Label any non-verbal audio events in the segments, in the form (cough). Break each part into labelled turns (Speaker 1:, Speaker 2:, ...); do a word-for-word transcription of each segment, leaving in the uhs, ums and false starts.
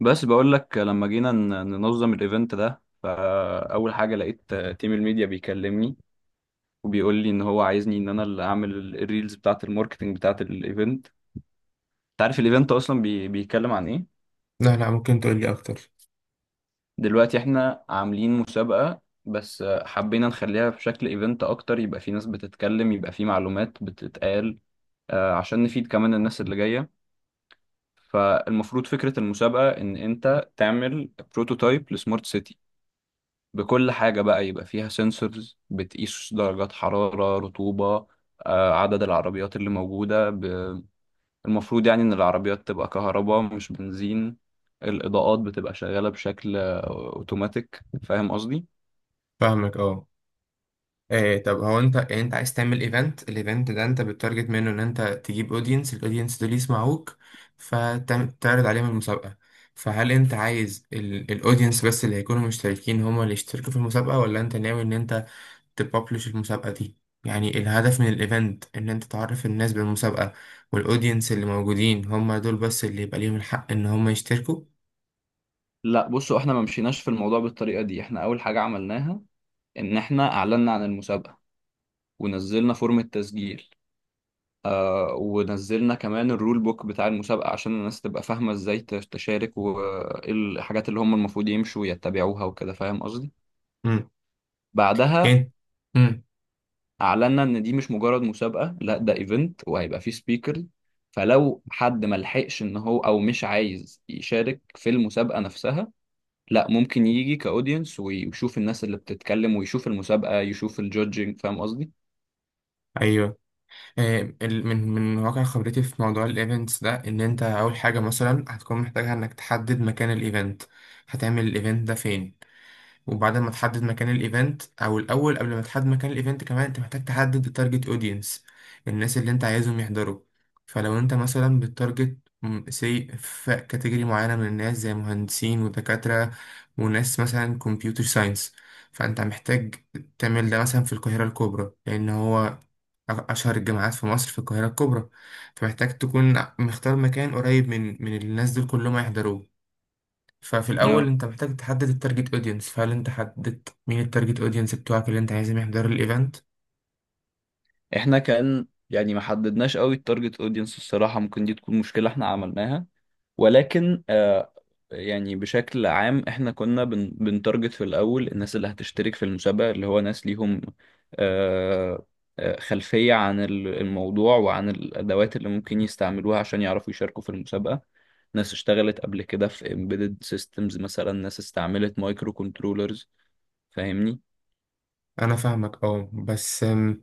Speaker 1: بس بقول لك لما جينا ن- ننظم الايفنت ده، فاول حاجه لقيت تيم الميديا بيكلمني وبيقول لي ان هو عايزني ان انا اللي اعمل ال- الريلز بتاعه الماركتنج بتاعه الايفنت. انت عارف الايفنت اصلا بي... بيتكلم عن ايه؟
Speaker 2: لا، لا، ممكن تقول لي اكتر؟
Speaker 1: دلوقتي احنا عاملين مسابقه بس حبينا نخليها في شكل ايفنت اكتر، يبقى في ناس بتتكلم يبقى في معلومات بتتقال، آه، عشان نفيد كمان الناس اللي جايه. فالمفروض فكره المسابقه ان انت تعمل بروتوتايب لسمارت سيتي بكل حاجة، بقى يبقى فيها سنسورز بتقيس درجات حرارة رطوبة، آه، عدد العربيات اللي موجودة ب- المفروض يعني إن العربيات تبقى كهرباء مش بنزين. الإضاءات بتبقى شغالة بشكل أوتوماتيك، فاهم قصدي؟
Speaker 2: فاهمك، اه. إيه، طب هو انت يعني انت عايز تعمل ايفنت الايفنت ده. انت بتتارجت منه ان انت تجيب اودينس الاودينس دول يسمعوك فتعرض عليهم المسابقة. فهل انت عايز الاودينس بس اللي هيكونوا مشتركين هما اللي يشتركوا في المسابقة، ولا انت ناوي ان انت تبابلش المسابقة دي؟ يعني الهدف من الايفنت ان انت تعرف الناس بالمسابقة، والاودينس اللي موجودين هما دول بس اللي يبقى ليهم الحق ان هما يشتركوا.
Speaker 1: لا بصوا، احنا ما مشيناش في الموضوع بالطريقة دي. احنا أول حاجة عملناها إن احنا أعلنا عن المسابقة ونزلنا فورم التسجيل، آه ونزلنا كمان الرول بوك بتاع المسابقة عشان الناس تبقى فاهمة ازاي تش- تشارك وايه الحاجات اللي هم المفروض يمشوا يتبعوها وكده، فاهم قصدي؟
Speaker 2: امم.
Speaker 1: بعدها
Speaker 2: ايه. امم.
Speaker 1: اعلنا ان دي مش مجرد مسابقة، لا ده ايفنت وهيبقى فيه سبيكر. فلو حد ملحقش ان هو او مش عايز يشارك في المسابقة نفسها، لا ممكن يجي كاودينس ويشوف الناس اللي بتتكلم ويشوف المسابقة يشوف الجودجينج، فاهم قصدي؟
Speaker 2: ايوه. آه، ال- من من واقع خبرتي في موضوع الايفنتس ده، ان انت اول حاجه مثلا هتكون محتاج انك تحدد مكان الايفنت. هتعمل الايفنت ده فين؟ وبعد ما تحدد مكان الايفنت، او الاول قبل ما تحدد مكان الايفنت، كمان انت محتاج تحدد التارجت اودينس، الناس اللي انت عايزهم يحضروا. فلو انت مثلا بالتارجت سي في كاتيجوري معينه من الناس زي مهندسين ودكاتره، وناس مثلا كمبيوتر ساينس، فانت محتاج تعمل ده مثلا في القاهره الكبرى، لان هو أشهر الجامعات في مصر في القاهرة الكبرى. فمحتاج تكون مختار مكان قريب من من الناس دول كلهم هيحضروه. ففي الأول أنت محتاج تحدد التارجت أودينس، فهل أنت حددت مين التارجت أودينس بتوعك اللي أنت عايزهم يحضروا الإيفنت؟
Speaker 1: احنا كان يعني ما حددناش قوي التارجت اودينس الصراحة، ممكن دي تكون مشكلة احنا عملناها، ولكن آه يعني بشكل عام احنا كنا بن بنتارجت في الاول الناس اللي هتشترك في المسابقة، اللي هو ناس ليهم آه آه، خلفية عن ال- الموضوع وعن الادوات اللي ممكن يستعملوها عشان يعرفوا يشاركوا في المسابقة. ناس اشتغلت قبل كده في embedded systems مثلا، ناس استعملت مايكرو كنترولرز، فاهمني؟
Speaker 2: أنا فاهمك، أه. بس أم،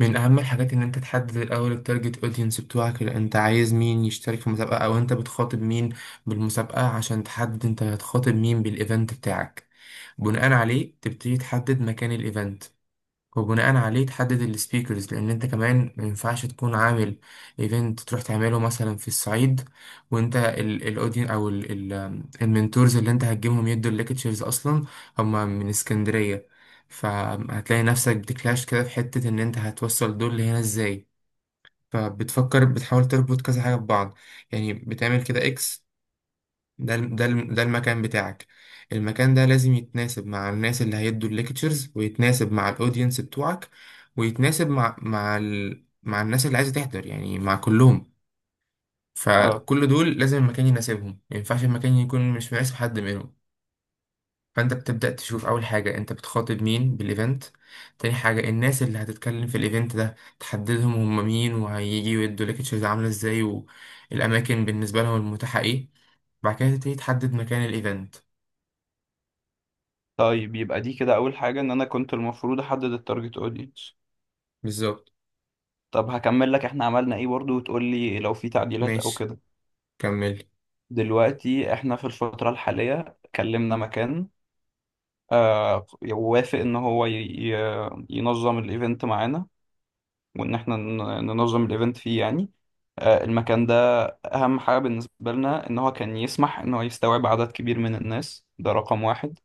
Speaker 2: من أهم الحاجات إن أنت تحدد الأول التارجت أودينس بتوعك، اللي أنت عايز مين يشترك في المسابقة، أو أنت بتخاطب مين بالمسابقة، عشان تحدد أنت هتخاطب مين بالإيفنت بتاعك. بناء عليه تبتدي تحدد مكان الإيفنت، وبناء عليه تحدد السبيكرز، لان انت كمان ما ينفعش تكون عامل ايفنت تروح تعمله مثلا في الصعيد، وانت الاودين او ال- ال- المنتورز اللي انت هتجيبهم يدوا الليكتشرز اصلا هم من اسكندرية. فهتلاقي نفسك بتكلاش كده في حتة ان انت هتوصل دول لهنا ازاي، فبتفكر بتحاول تربط كذا حاجة ببعض. يعني بتعمل كده X، ده الم- ده الم- ده المكان بتاعك. المكان ده لازم يتناسب مع الناس اللي هيدوا الليكتشرز، ويتناسب مع الاودينس بتوعك، ويتناسب مع مع ال... مع الناس اللي عايزة تحضر، يعني مع كلهم.
Speaker 1: اه،
Speaker 2: فكل دول لازم المكان يناسبهم، ما ينفعش المكان يكون مش مناسب حد منهم. فانت بتبدأ تشوف اول حاجة انت بتخاطب مين بالايفنت، تاني حاجة الناس اللي هتتكلم في الايفنت ده تحددهم هم مين وهيجي ويدوا ليكتشرز عاملة ازاي، والاماكن بالنسبة لهم المتاحة ايه. بعد كده تبتدي تحدد مكان الايفنت.
Speaker 1: طيب يبقى دي كده اول حاجه ان انا كنت المفروض احدد التارجت اودينس.
Speaker 2: بالظبط.
Speaker 1: طب هكمل لك احنا عملنا ايه برضو وتقول لي لو في تعديلات او
Speaker 2: ماشي.
Speaker 1: كده.
Speaker 2: كمل.
Speaker 1: دلوقتي احنا في الفتره الحاليه كلمنا مكان، آه ووافق ان هو ي- ي- ينظم الايفنت معانا وان احنا ن- ننظم الايفنت فيه يعني، آه المكان ده اهم حاجه بالنسبه لنا ان هو كان يسمح ان هو يستوعب عدد كبير من الناس، ده رقم واحد.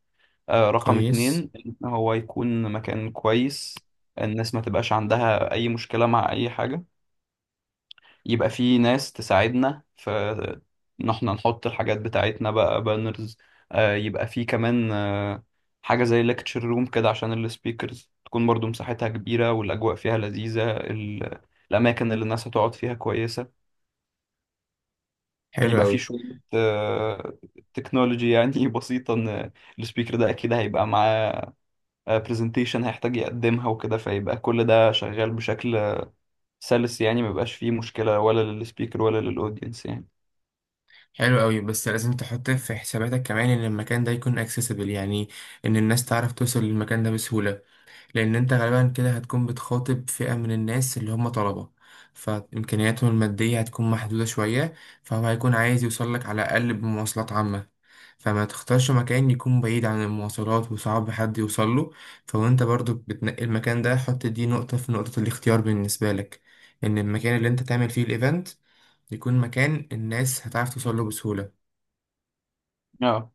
Speaker 1: آه، رقم
Speaker 2: كويس.
Speaker 1: اتنين إن هو يكون مكان كويس، الناس ما تبقاش عندها أي مشكلة مع أي حاجة، يبقى في ناس تساعدنا في إن احنا نحط الحاجات بتاعتنا بقى بانرز، آه، يبقى في كمان آه، حاجة زي ليكتشر روم كده عشان السبيكرز تكون برضو مساحتها كبيرة والأجواء فيها لذيذة، ال- الأماكن اللي الناس هتقعد فيها كويسة.
Speaker 2: حلو
Speaker 1: يبقى في
Speaker 2: أوي.
Speaker 1: شوية تكنولوجي يعني (laughs) بسيطة، إن السبيكر ده أكيد هيبقى معاه برزنتيشن هيحتاج يقدمها وكده، فيبقى كل ده شغال بشكل سلس يعني، ما يبقاش فيه مشكلة ولا للسبيكر ولا للاودينس يعني.
Speaker 2: حلو أوي. بس لازم تحط في حساباتك كمان إن المكان ده يكون accessible، يعني إن الناس تعرف توصل للمكان ده بسهولة. لأن أنت غالبا كده هتكون بتخاطب فئة من الناس اللي هم طلبة، فإمكانياتهم المادية هتكون محدودة شوية، فهو هيكون عايز يوصلك على الأقل بمواصلات عامة. فما تختارش مكان يكون بعيد عن المواصلات وصعب حد يوصله. فوانت برضو بتنقي المكان ده، حط دي نقطة في نقطة الاختيار بالنسبة لك، إن المكان اللي أنت تعمل فيه الإيفنت يكون مكان الناس هتعرف توصله بسهولة.
Speaker 1: اه،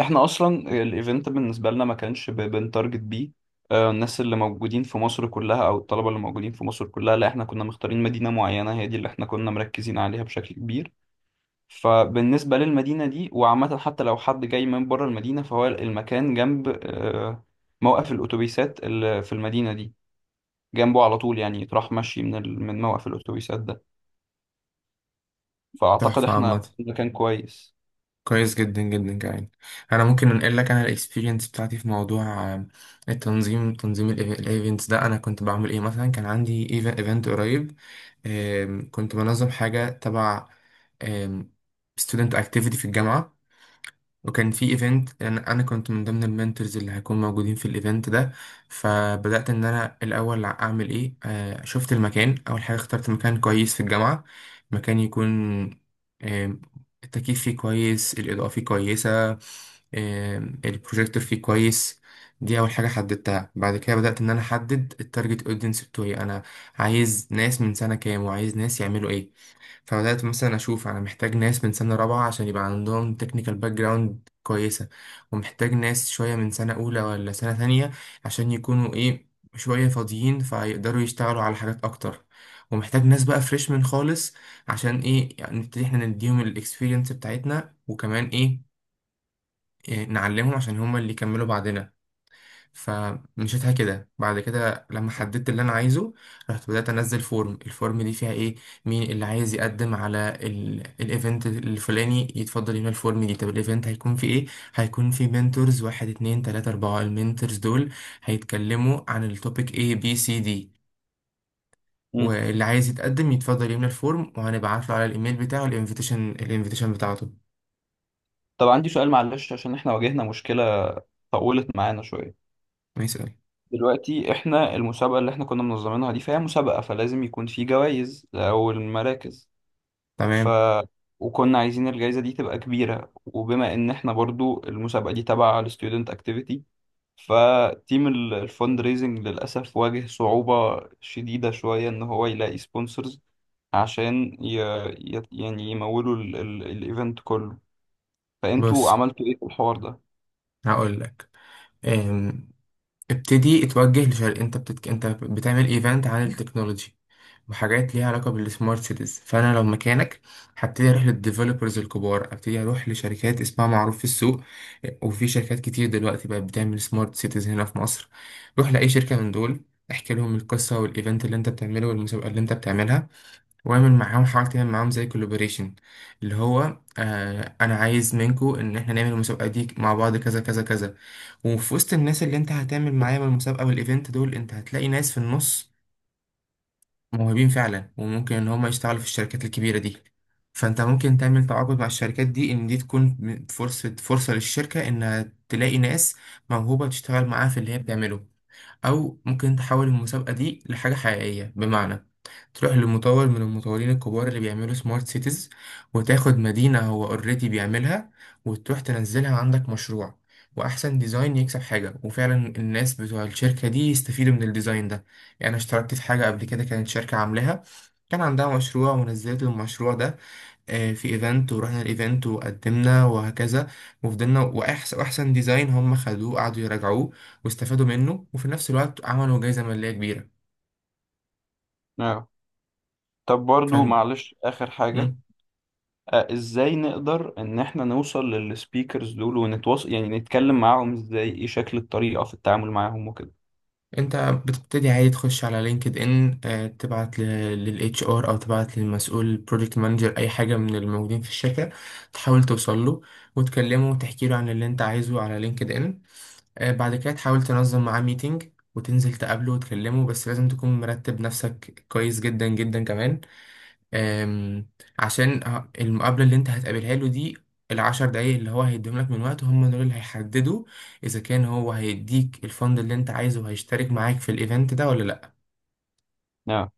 Speaker 1: احنا اصلا الايفنت بالنسبة لنا ما كانش ب- بنتارجت بيه، آه، الناس اللي موجودين في مصر كلها او الطلبة اللي موجودين في مصر كلها. لا احنا كنا مختارين مدينة معينة هي دي اللي احنا كنا مركزين عليها بشكل كبير. فبالنسبة للمدينة دي وعامة، حتى لو حد جاي من بره المدينة، فهو المكان جنب آه، موقف الأتوبيسات اللي في المدينة دي جنبه على طول يعني، تروح ماشي من ال... من موقف الاتوبيسات ده. فاعتقد
Speaker 2: تحفة.
Speaker 1: احنا
Speaker 2: عامة،
Speaker 1: في مكان كويس.
Speaker 2: كويس جدا جدا. كمان انا ممكن انقل لك انا الاكسبيرينس بتاعتي في موضوع آه، التنظيم تنظيم الايفنتس ده انا كنت بعمل ايه، مثلا كان عندي ايفنت قريب، آم، كنت بنظم حاجه تبع ستودنت اكتيفيتي في الجامعه، وكان في ايفنت انا أنا كنت من ضمن المنتورز اللي هيكون موجودين في الايفنت ده. فبدات ان انا الاول اعمل ايه. آه شفت المكان اول حاجه، اخترت مكان كويس في الجامعه، مكان يكون آه التكييف فيه كويس، الاضاءه فيه كويسه، آه البروجيكتور فيه كويس. دي اول حاجه حددتها. بعد كده بدات ان انا احدد التارجت اودينس بتوعي، انا عايز ناس من سنه كام وعايز ناس يعملوا ايه. فبدأت مثلا أشوف أنا محتاج ناس من سنة رابعة عشان يبقى عندهم تكنيكال باك جراوند كويسة، ومحتاج ناس شوية من سنة أولى ولا سنة تانية عشان يكونوا إيه، شوية فاضيين فيقدروا يشتغلوا على حاجات أكتر. ومحتاج ناس بقى فريشمان خالص، عشان إيه، يعني نبتدي إحنا نديهم الإكسبيرينس بتاعتنا، وكمان إيه، إيه، نعلمهم عشان هما اللي يكملوا بعدنا. فمشيتها كده. بعد كده لما حددت اللي انا عايزه، رحت بدأت انزل فورم الفورم دي فيها ايه؟ مين اللي عايز يقدم على ال- الايفنت الفلاني يتفضل يملى الفورم دي. طب الايفنت هيكون في ايه؟ هيكون في منتورز واحد، اتنين، تلاتة، اربعة. المنتورز دول هيتكلموا عن التوبيك ايه بي سي دي،
Speaker 1: مم.
Speaker 2: واللي عايز يتقدم يتفضل يملى الفورم وهنبعت له على الايميل بتاعه الانفيتيشن الانفيتيشن بتاعته.
Speaker 1: طب عندي سؤال معلش عشان احنا واجهنا مشكلة طولت معانا شوية.
Speaker 2: ما يسأل.
Speaker 1: دلوقتي احنا المسابقة اللي احنا كنا منظمينها دي، فهي مسابقة فلازم يكون في جوائز او المراكز، ف
Speaker 2: تمام.
Speaker 1: وكنا عايزين الجائزة دي تبقى كبيرة، وبما ان احنا برضو المسابقة دي تبع الستودنت اكتيفيتي، فتيم ال- الفند ريزنج للأسف واجه صعوبة شديدة شوية إن هو يلاقي سبونسرز عشان ي... ي... يعني يمولوا ال... ال... الإيفنت كله. فأنتوا
Speaker 2: بص،
Speaker 1: عملتوا إيه في الحوار ده؟
Speaker 2: هقول لك. ابتدي اتوجه لشرق. انت بتتك... انت بتعمل ايفنت عن التكنولوجي وحاجات ليها علاقه بالسمارت سيتيز، فانا لو مكانك هبتدي اروح للديفلوبرز الكبار، ابتدي اروح لشركات اسمها معروف في السوق. وفي شركات كتير دلوقتي بقت بتعمل سمارت سيتيز هنا في مصر. روح لاي شركه من دول، احكي لهم القصه والايفنت اللي انت بتعمله والمسابقه اللي انت بتعملها، واعمل معاهم حاول تعمل معاهم زي كولابوريشن. اللي هو آه انا عايز منكو ان احنا نعمل المسابقه دي مع بعض، كذا كذا كذا. وفي وسط الناس اللي انت هتعمل معاهم المسابقة والايفنت دول، انت هتلاقي ناس في النص موهوبين فعلا، وممكن ان هم يشتغلوا في الشركات الكبيرة دي. فانت ممكن تعمل تعاقد مع الشركات دي ان دي تكون فرصة، فرصة للشركة انها تلاقي ناس موهوبة تشتغل معاها في اللي هي بتعمله. او ممكن تحول المسابقة دي لحاجة حقيقية، بمعنى تروح لمطور من المطورين الكبار اللي بيعملوا سمارت سيتيز، وتاخد مدينة هو اوريدي بيعملها وتروح تنزلها عندك مشروع، وأحسن ديزاين يكسب حاجة، وفعلا الناس بتوع الشركة دي يستفيدوا من الديزاين ده. يعني أنا اشتركت في حاجة قبل كده كانت شركة عاملاها، كان عندها مشروع ونزلت المشروع ده آه، في ايفنت، ورحنا الايفنت وقدمنا وهكذا، وفضلنا، واحسن واحسن ديزاين هم خدوه قعدوا يراجعوه واستفادوا منه، وفي نفس الوقت عملوا جايزة مالية كبيرة.
Speaker 1: آه. طب برضو
Speaker 2: فن.
Speaker 1: معلش آخر حاجة، آه إزاي نقدر إن إحنا نوصل للسبيكرز دول ونتواصل يعني نتكلم معاهم إزاي، إيه شكل الطريقة في التعامل معاهم وكده؟
Speaker 2: انت بتبتدي عادي تخش على لينكد ان، آه، تبعت للاتش ار او تبعت للمسؤول بروجكت مانجر اي حاجه من الموجودين في الشركه، تحاول توصل له وتكلمه وتحكي له عن اللي انت عايزه على لينكد ان. آه، بعد كده تحاول تنظم معاه ميتنج وتنزل تقابله وتكلمه، بس لازم تكون مرتب نفسك كويس جدا جدا كمان. أم، عشان ه- المقابلة اللي انت هتقابلها له دي، العشر دقايق اللي هو هيديهم لك من وقته هم دول اللي هيحددوا إذا كان هو هيديك الفند اللي انت عايزه وهيشترك معاك في الإيفنت ده ولا لأ.
Speaker 1: آه.